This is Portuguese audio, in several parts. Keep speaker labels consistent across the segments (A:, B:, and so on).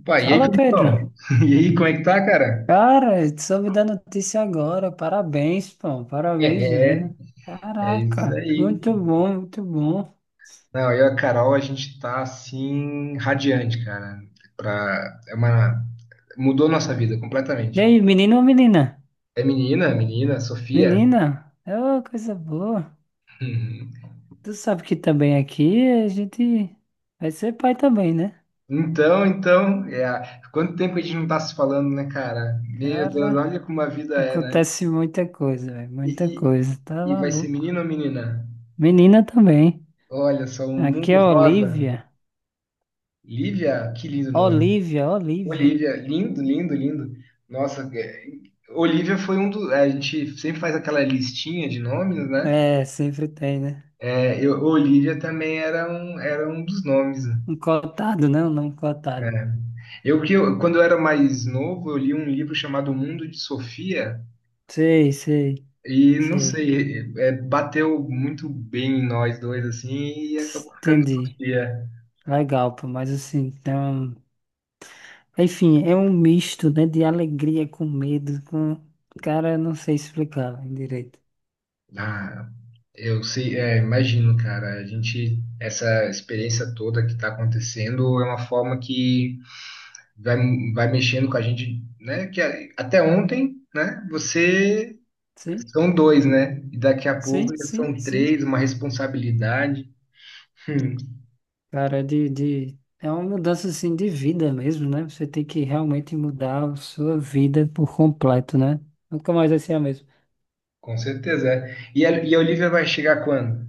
A: Opa, e aí,
B: Fala, Pedro.
A: Felipão? E aí, como é que tá, cara?
B: Cara, eu soube da notícia agora. Parabéns, pô. Parabéns
A: É,
B: mesmo.
A: é isso
B: Caraca,
A: aí.
B: muito bom, muito bom.
A: Não, eu e a Carol, a gente tá assim, radiante, cara. Pra, é uma, mudou nossa vida
B: E aí,
A: completamente.
B: menino ou menina?
A: É menina, menina, Sofia.
B: Menina, ô, coisa boa.
A: Uhum.
B: Tu sabe que também aqui a gente vai ser pai também, né?
A: Então, quanto tempo a gente não tá se falando, né, cara? Meu Deus,
B: Cara,
A: olha como a vida é, né?
B: acontece muita coisa, velho.
A: E,
B: Muita coisa. Tá
A: e vai ser
B: maluco.
A: menino ou menina?
B: Menina também.
A: Olha só, um
B: Aqui é
A: mundo
B: a
A: rosa.
B: Olivia.
A: Lívia, que lindo nome.
B: Olivia, Olivia.
A: Olivia, lindo, lindo, lindo. Nossa, Olivia foi um dos. A gente sempre faz aquela listinha de nomes, né?
B: É, sempre tem, né?
A: É, Olivia também era um dos nomes. Né?
B: Um cotado, né? Um nome
A: É,
B: cotado.
A: Eu que eu- quando eu era mais novo, eu li um livro chamado O Mundo de Sofia
B: Sei, sei,
A: e não
B: sei.
A: sei, é, bateu muito bem em nós dois assim e acabou ficando
B: Entendi.
A: Sofia.
B: Legal, pô, mas assim, então. Enfim, é um misto, né, de alegria com medo, com. Cara, eu não sei explicar direito.
A: Ah, eu sei, é, imagino, cara. A gente essa experiência toda que está acontecendo é uma forma que vai, vai mexendo com a gente, né? Até ontem, né? Você
B: Sim,
A: são dois, né? E daqui a pouco
B: sim,
A: já
B: sim,
A: são
B: sim.
A: três, uma responsabilidade. Hum,
B: Cara, é uma mudança assim de vida mesmo, né? Você tem que realmente mudar a sua vida por completo, né? Nunca mais vai ser a mesma.
A: com certeza. É. E a Olivia vai chegar quando?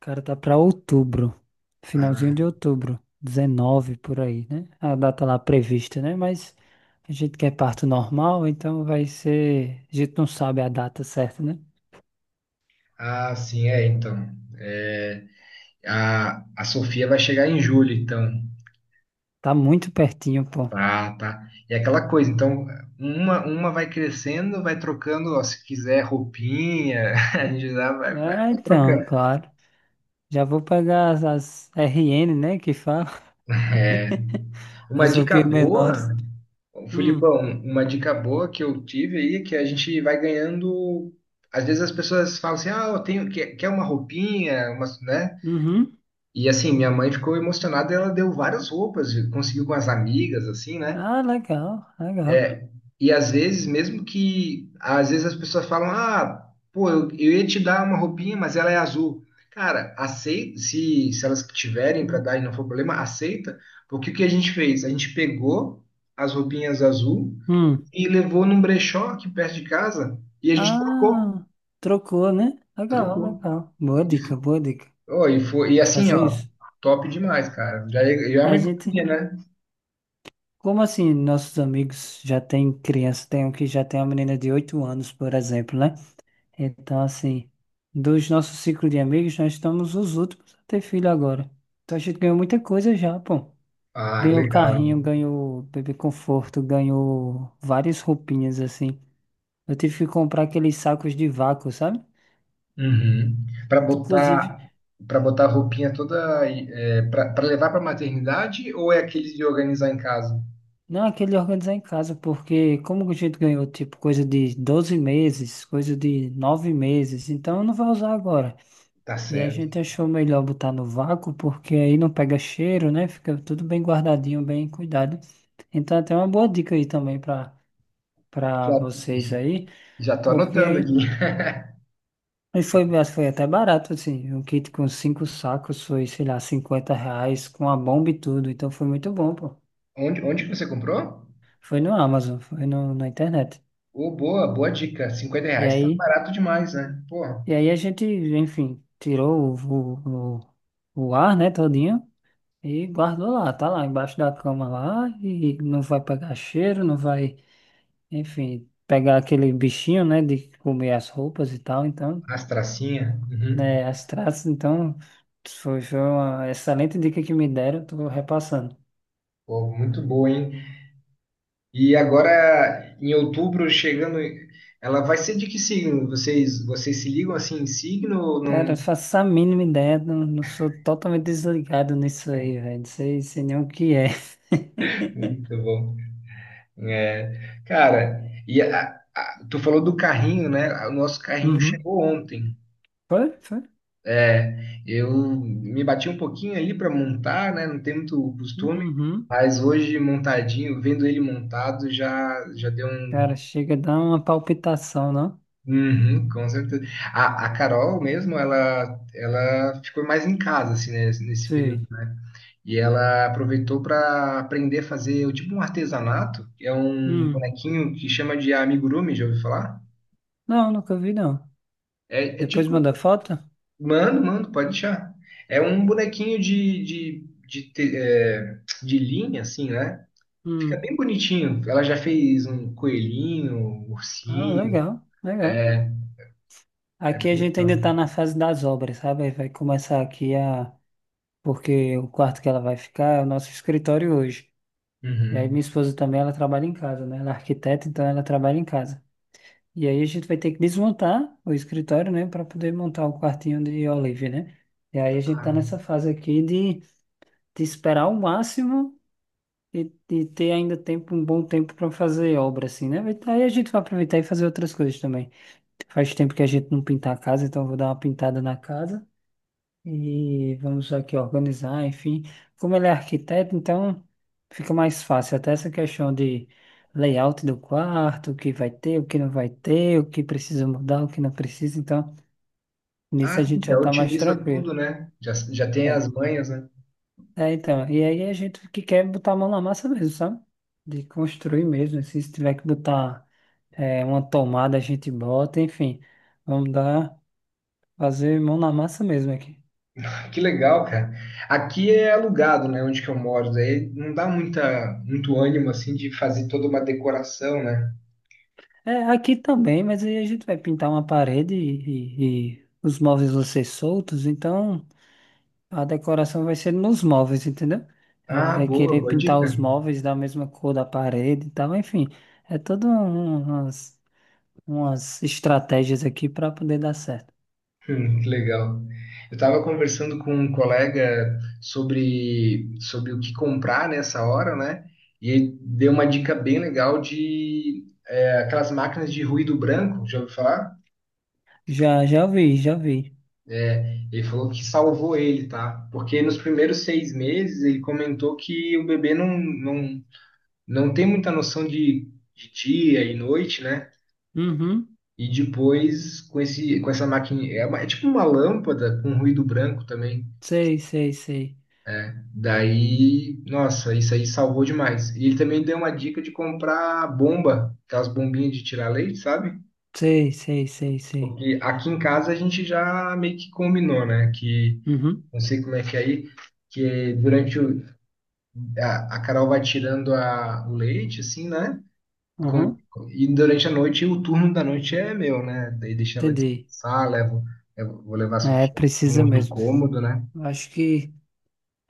B: Cara, tá pra outubro, finalzinho
A: Ah,
B: de outubro, 19 por aí, né? A data lá prevista, né? Mas a gente quer parto normal, então vai ser. A gente não sabe a data certa, né?
A: ah, sim, é, então. É, a Sofia vai chegar em julho, então.
B: Tá muito pertinho, pô.
A: Tá, tá. E é aquela coisa, então, uma vai crescendo, vai trocando, ó, se quiser roupinha, a gente já vai, vai
B: É,
A: vai
B: então,
A: trocando.
B: claro. Já vou pegar as RN, né? Que fala.
A: É, uma
B: As
A: dica
B: roupinhas
A: boa.
B: menores.
A: Bom,
B: Hum,
A: Filipão, uma dica boa que eu tive aí, é que a gente vai ganhando. Às vezes as pessoas falam assim, ah, quer uma roupinha, uma, né?
B: uhum.
A: E assim, minha mãe ficou emocionada, ela deu várias roupas, conseguiu com as amigas, assim, né?
B: Ah, legal, legal.
A: É, E às vezes, mesmo que, às vezes as pessoas falam, ah, pô, eu ia te dar uma roupinha, mas ela é azul. Cara, aceita, se elas tiverem para dar e não for problema, aceita, porque o que a gente fez? A gente pegou as roupinhas azul
B: Hum.
A: e levou num brechó aqui perto de casa e a gente trocou,
B: Ah, trocou, né? Legal,
A: trocou.
B: legal. Boa dica, boa dica.
A: Oh, e foi, e
B: Vou
A: assim,
B: fazer
A: ó,
B: isso.
A: top demais, cara. Já é uma
B: A gente,
A: economia, né?
B: como assim, nossos amigos já têm criança, tem um que já tem uma menina de 8 anos, por exemplo, né? Então, assim, dos nossos ciclos de amigos, nós estamos os últimos a ter filho agora. Então a gente ganhou muita coisa já, pô.
A: Ah,
B: Ganhou
A: legal.
B: carrinho, ganhou bebê conforto, ganhou várias roupinhas, assim. Eu tive que comprar aqueles sacos de vácuo, sabe?
A: Uhum. Para
B: Inclusive,
A: botar para botar a roupinha toda para levar para maternidade ou é aqueles de organizar em casa?
B: não, aquele organizar em casa, porque como a gente ganhou, tipo, coisa de 12 meses, coisa de 9 meses, então não vai usar agora.
A: Tá
B: E a
A: certo.
B: gente achou melhor botar no vácuo, porque aí não pega cheiro, né? Fica tudo bem guardadinho, bem cuidado. Então, até uma boa dica aí também para
A: Já,
B: vocês aí,
A: já tô
B: porque
A: anotando aqui.
B: aí e foi, mas foi até barato, assim. Um kit com 5 sacos foi, sei lá, R$ 50, com a bomba e tudo. Então, foi muito bom, pô.
A: Onde que você comprou?
B: Foi no Amazon, foi no, na internet.
A: Ô, boa, boa dica. cinquenta
B: E
A: reais tá
B: aí.
A: barato demais, né? Porra,
B: E aí a gente, enfim, tirou ar, né, todinho e guardou lá, tá lá embaixo da cama lá e não vai pegar cheiro, não vai, enfim, pegar aquele bichinho, né, de comer as roupas e tal, então,
A: as tracinhas. Uhum.
B: né, as traças, então, foi, foi uma excelente dica que me deram, tô repassando.
A: Pô, muito boa, hein? E agora, em outubro, chegando, ela vai ser de que signo? Vocês se ligam assim em signo ou
B: Cara, eu
A: não?
B: faço a mínima ideia, não, não sou totalmente desligado nisso aí, velho, não sei, sei nem o que é.
A: Muito bom. É, cara, e tu falou do carrinho, né? O nosso carrinho
B: Uhum.
A: chegou ontem.
B: Foi, foi.
A: É, eu me bati um pouquinho ali para montar, né? Não tem muito costume,
B: Uhum.
A: mas hoje montadinho, vendo ele montado, já já deu
B: Cara,
A: um
B: chega a dar uma palpitação, não?
A: Uhum, com certeza. A Carol mesmo, ela ficou mais em casa, assim, né, nesse período,
B: Sei.
A: né? E ela aproveitou para aprender a fazer o tipo um artesanato, que é um
B: Hum.
A: bonequinho que chama de amigurumi, já ouviu falar?
B: Não, nunca vi, não.
A: É,
B: Depois
A: tipo,
B: manda foto?
A: mano, mano, pode deixar. É um bonequinho de de linha, assim, né? Fica bem
B: Hum.
A: bonitinho. Ela já fez um coelhinho, um
B: Ah,
A: ursinho,
B: legal, legal.
A: é
B: Aqui a
A: bem
B: gente ainda
A: legal.
B: tá na fase das obras, sabe? Aí vai começar aqui a... Porque o quarto que ela vai ficar é o nosso escritório hoje. E aí
A: Uhum.
B: minha esposa também, ela trabalha em casa, né? Ela é arquiteta, então ela trabalha em casa. E aí a gente vai ter que desmontar o escritório, né? Para poder montar o quartinho de Olive, né? E aí a gente tá nessa fase aqui de esperar o máximo e ter ainda tempo, um bom tempo para fazer obra, assim, né? Vai- aí a gente vai aproveitar e fazer outras coisas também. Faz tempo que a gente não pinta a casa, então eu vou dar uma pintada na casa e vamos aqui organizar, enfim. Como ele é arquiteto, então fica mais fácil. Até essa questão de layout do quarto, o que vai ter, o que não vai ter, o que precisa mudar, o que não precisa. Então, nisso
A: Ah,
B: a
A: sim,
B: gente já
A: já
B: tá mais
A: otimiza tudo,
B: tranquilo.
A: né? Já, já tem
B: É.
A: as manhas, né?
B: É, então, e aí é a gente que quer botar a mão na massa mesmo, sabe? De construir mesmo, assim, se tiver que botar é, uma tomada, a gente bota, enfim, vamos dar, fazer mão na massa mesmo aqui.
A: Ah, que legal, cara. Aqui é alugado, né? Onde que eu moro. Daí não dá muita, muito ânimo, assim, de fazer toda uma decoração, né?
B: É, aqui também, mas aí a gente vai pintar uma parede e os móveis vão ser soltos, então a decoração vai ser nos móveis, entendeu? Ela
A: Ah,
B: vai
A: boa,
B: querer
A: boa
B: pintar
A: dica.
B: os móveis da mesma cor da parede e tal, enfim, é todas umas, umas estratégias aqui para poder dar certo.
A: Que legal. Eu estava conversando com um colega sobre o que comprar nessa hora, né? E ele deu uma dica bem legal de é, aquelas máquinas de ruído branco. Já ouviu falar?
B: Já, já vi, já vi.
A: Ele falou que salvou ele, tá? Porque nos primeiros 6 meses ele comentou que o bebê não tem muita noção de dia e noite, né?
B: Uhum.
A: E depois com essa máquina é tipo uma lâmpada com ruído branco também.
B: Sei, sei, sei.
A: Daí, nossa, isso aí salvou demais. E ele também deu uma dica de comprar bomba, aquelas bombinhas de tirar leite, sabe?
B: Sei, sei, sei, sei.
A: Porque aqui em casa a gente já meio que combinou, né? Que
B: Uhum.
A: não sei como é que é aí que durante o, A Carol vai tirando a, o leite, assim, né? Com-
B: Uhum.
A: e durante a noite, o turno da noite é meu, né? Daí deixa ela
B: Entendi.
A: descansar, levo, eu vou levar a
B: É,
A: Sofia no
B: precisa
A: outro
B: mesmo.
A: cômodo, né?
B: Eu acho que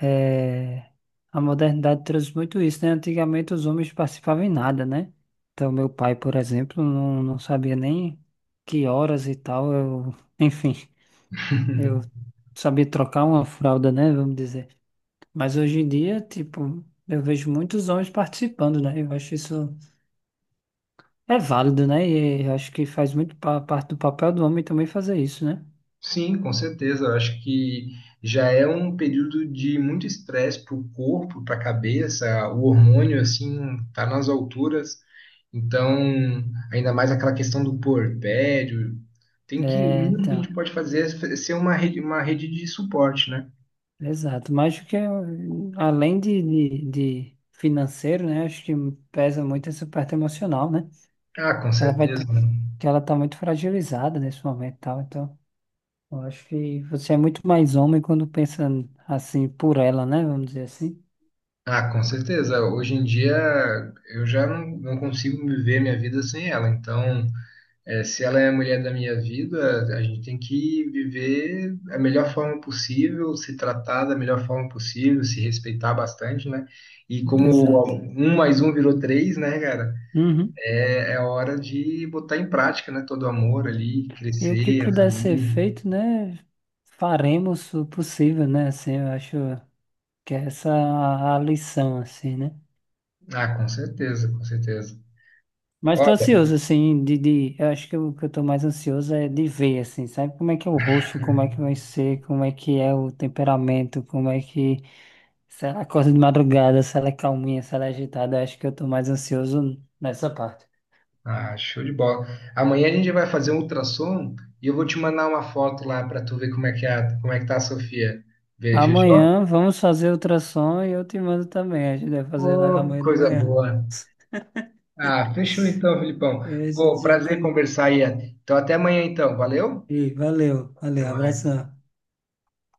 B: é, a modernidade trouxe muito isso, né? Antigamente os homens participavam em nada, né? Então, meu pai, por exemplo, não, não sabia nem que horas e tal. Eu, enfim, eu sabia trocar uma fralda, né? Vamos dizer. Mas hoje em dia, tipo, eu vejo muitos homens participando, né? Eu acho isso. É válido, né? E acho que faz muito parte do papel do homem também fazer isso, né?
A: Sim, com certeza. Eu acho que já é um período de muito estresse para o corpo, para a cabeça, o hormônio, assim, tá nas alturas. Então, ainda mais aquela questão do puerpério. Tem que, o
B: É,
A: mínimo que a gente
B: tá.
A: pode fazer é ser uma rede de suporte, né?
B: Exato. Mas acho que é, além de financeiro, né? Acho que pesa muito essa parte emocional, né?
A: Ah, com
B: Ela vai
A: certeza.
B: tá,
A: Né?
B: que ela tá muito fragilizada nesse momento, e tal. Então, eu acho que você é muito mais homem quando pensa assim por ela, né? Vamos dizer assim.
A: Ah, com certeza. Hoje em dia eu já não consigo viver minha vida sem ela. Então, se ela é a mulher da minha vida, a gente tem que viver a melhor forma possível, se tratar da melhor forma possível, se respeitar bastante, né? E como
B: Exato.
A: um mais um virou três, né, cara?
B: Uhum.
A: É, é hora de botar em prática, né? Todo o amor ali,
B: E o que
A: crescer, a
B: puder ser
A: família.
B: feito, né? Faremos o possível, né? Assim, eu acho. Que é essa a lição, assim, né?
A: Ah, com certeza, com certeza.
B: Mas tô ansioso, assim, eu acho que o que eu tô mais ansioso é de ver, assim, sabe como é que é o rosto, como é que vai ser, como é que é o temperamento, como é que, se ela acorda de madrugada, se ela é calminha, se ela é agitada, eu acho que eu tô mais ansioso nessa parte.
A: Ah, show de bola. Amanhã a gente vai fazer um ultrassom e eu vou te mandar uma foto lá para tu ver como é que é, como é que tá a Sofia. Ver, fechou?
B: Amanhã vamos fazer ultrassom e eu te mando também, a gente vai fazer lá
A: Ô,
B: amanhã de
A: coisa
B: manhã.
A: boa. Ah, fechou então, Filipão.
B: E aí a
A: Pô,
B: gente já
A: prazer
B: com...
A: conversar aí. Então até amanhã então. Valeu?
B: E valeu,
A: Até
B: valeu,
A: mais.
B: abração.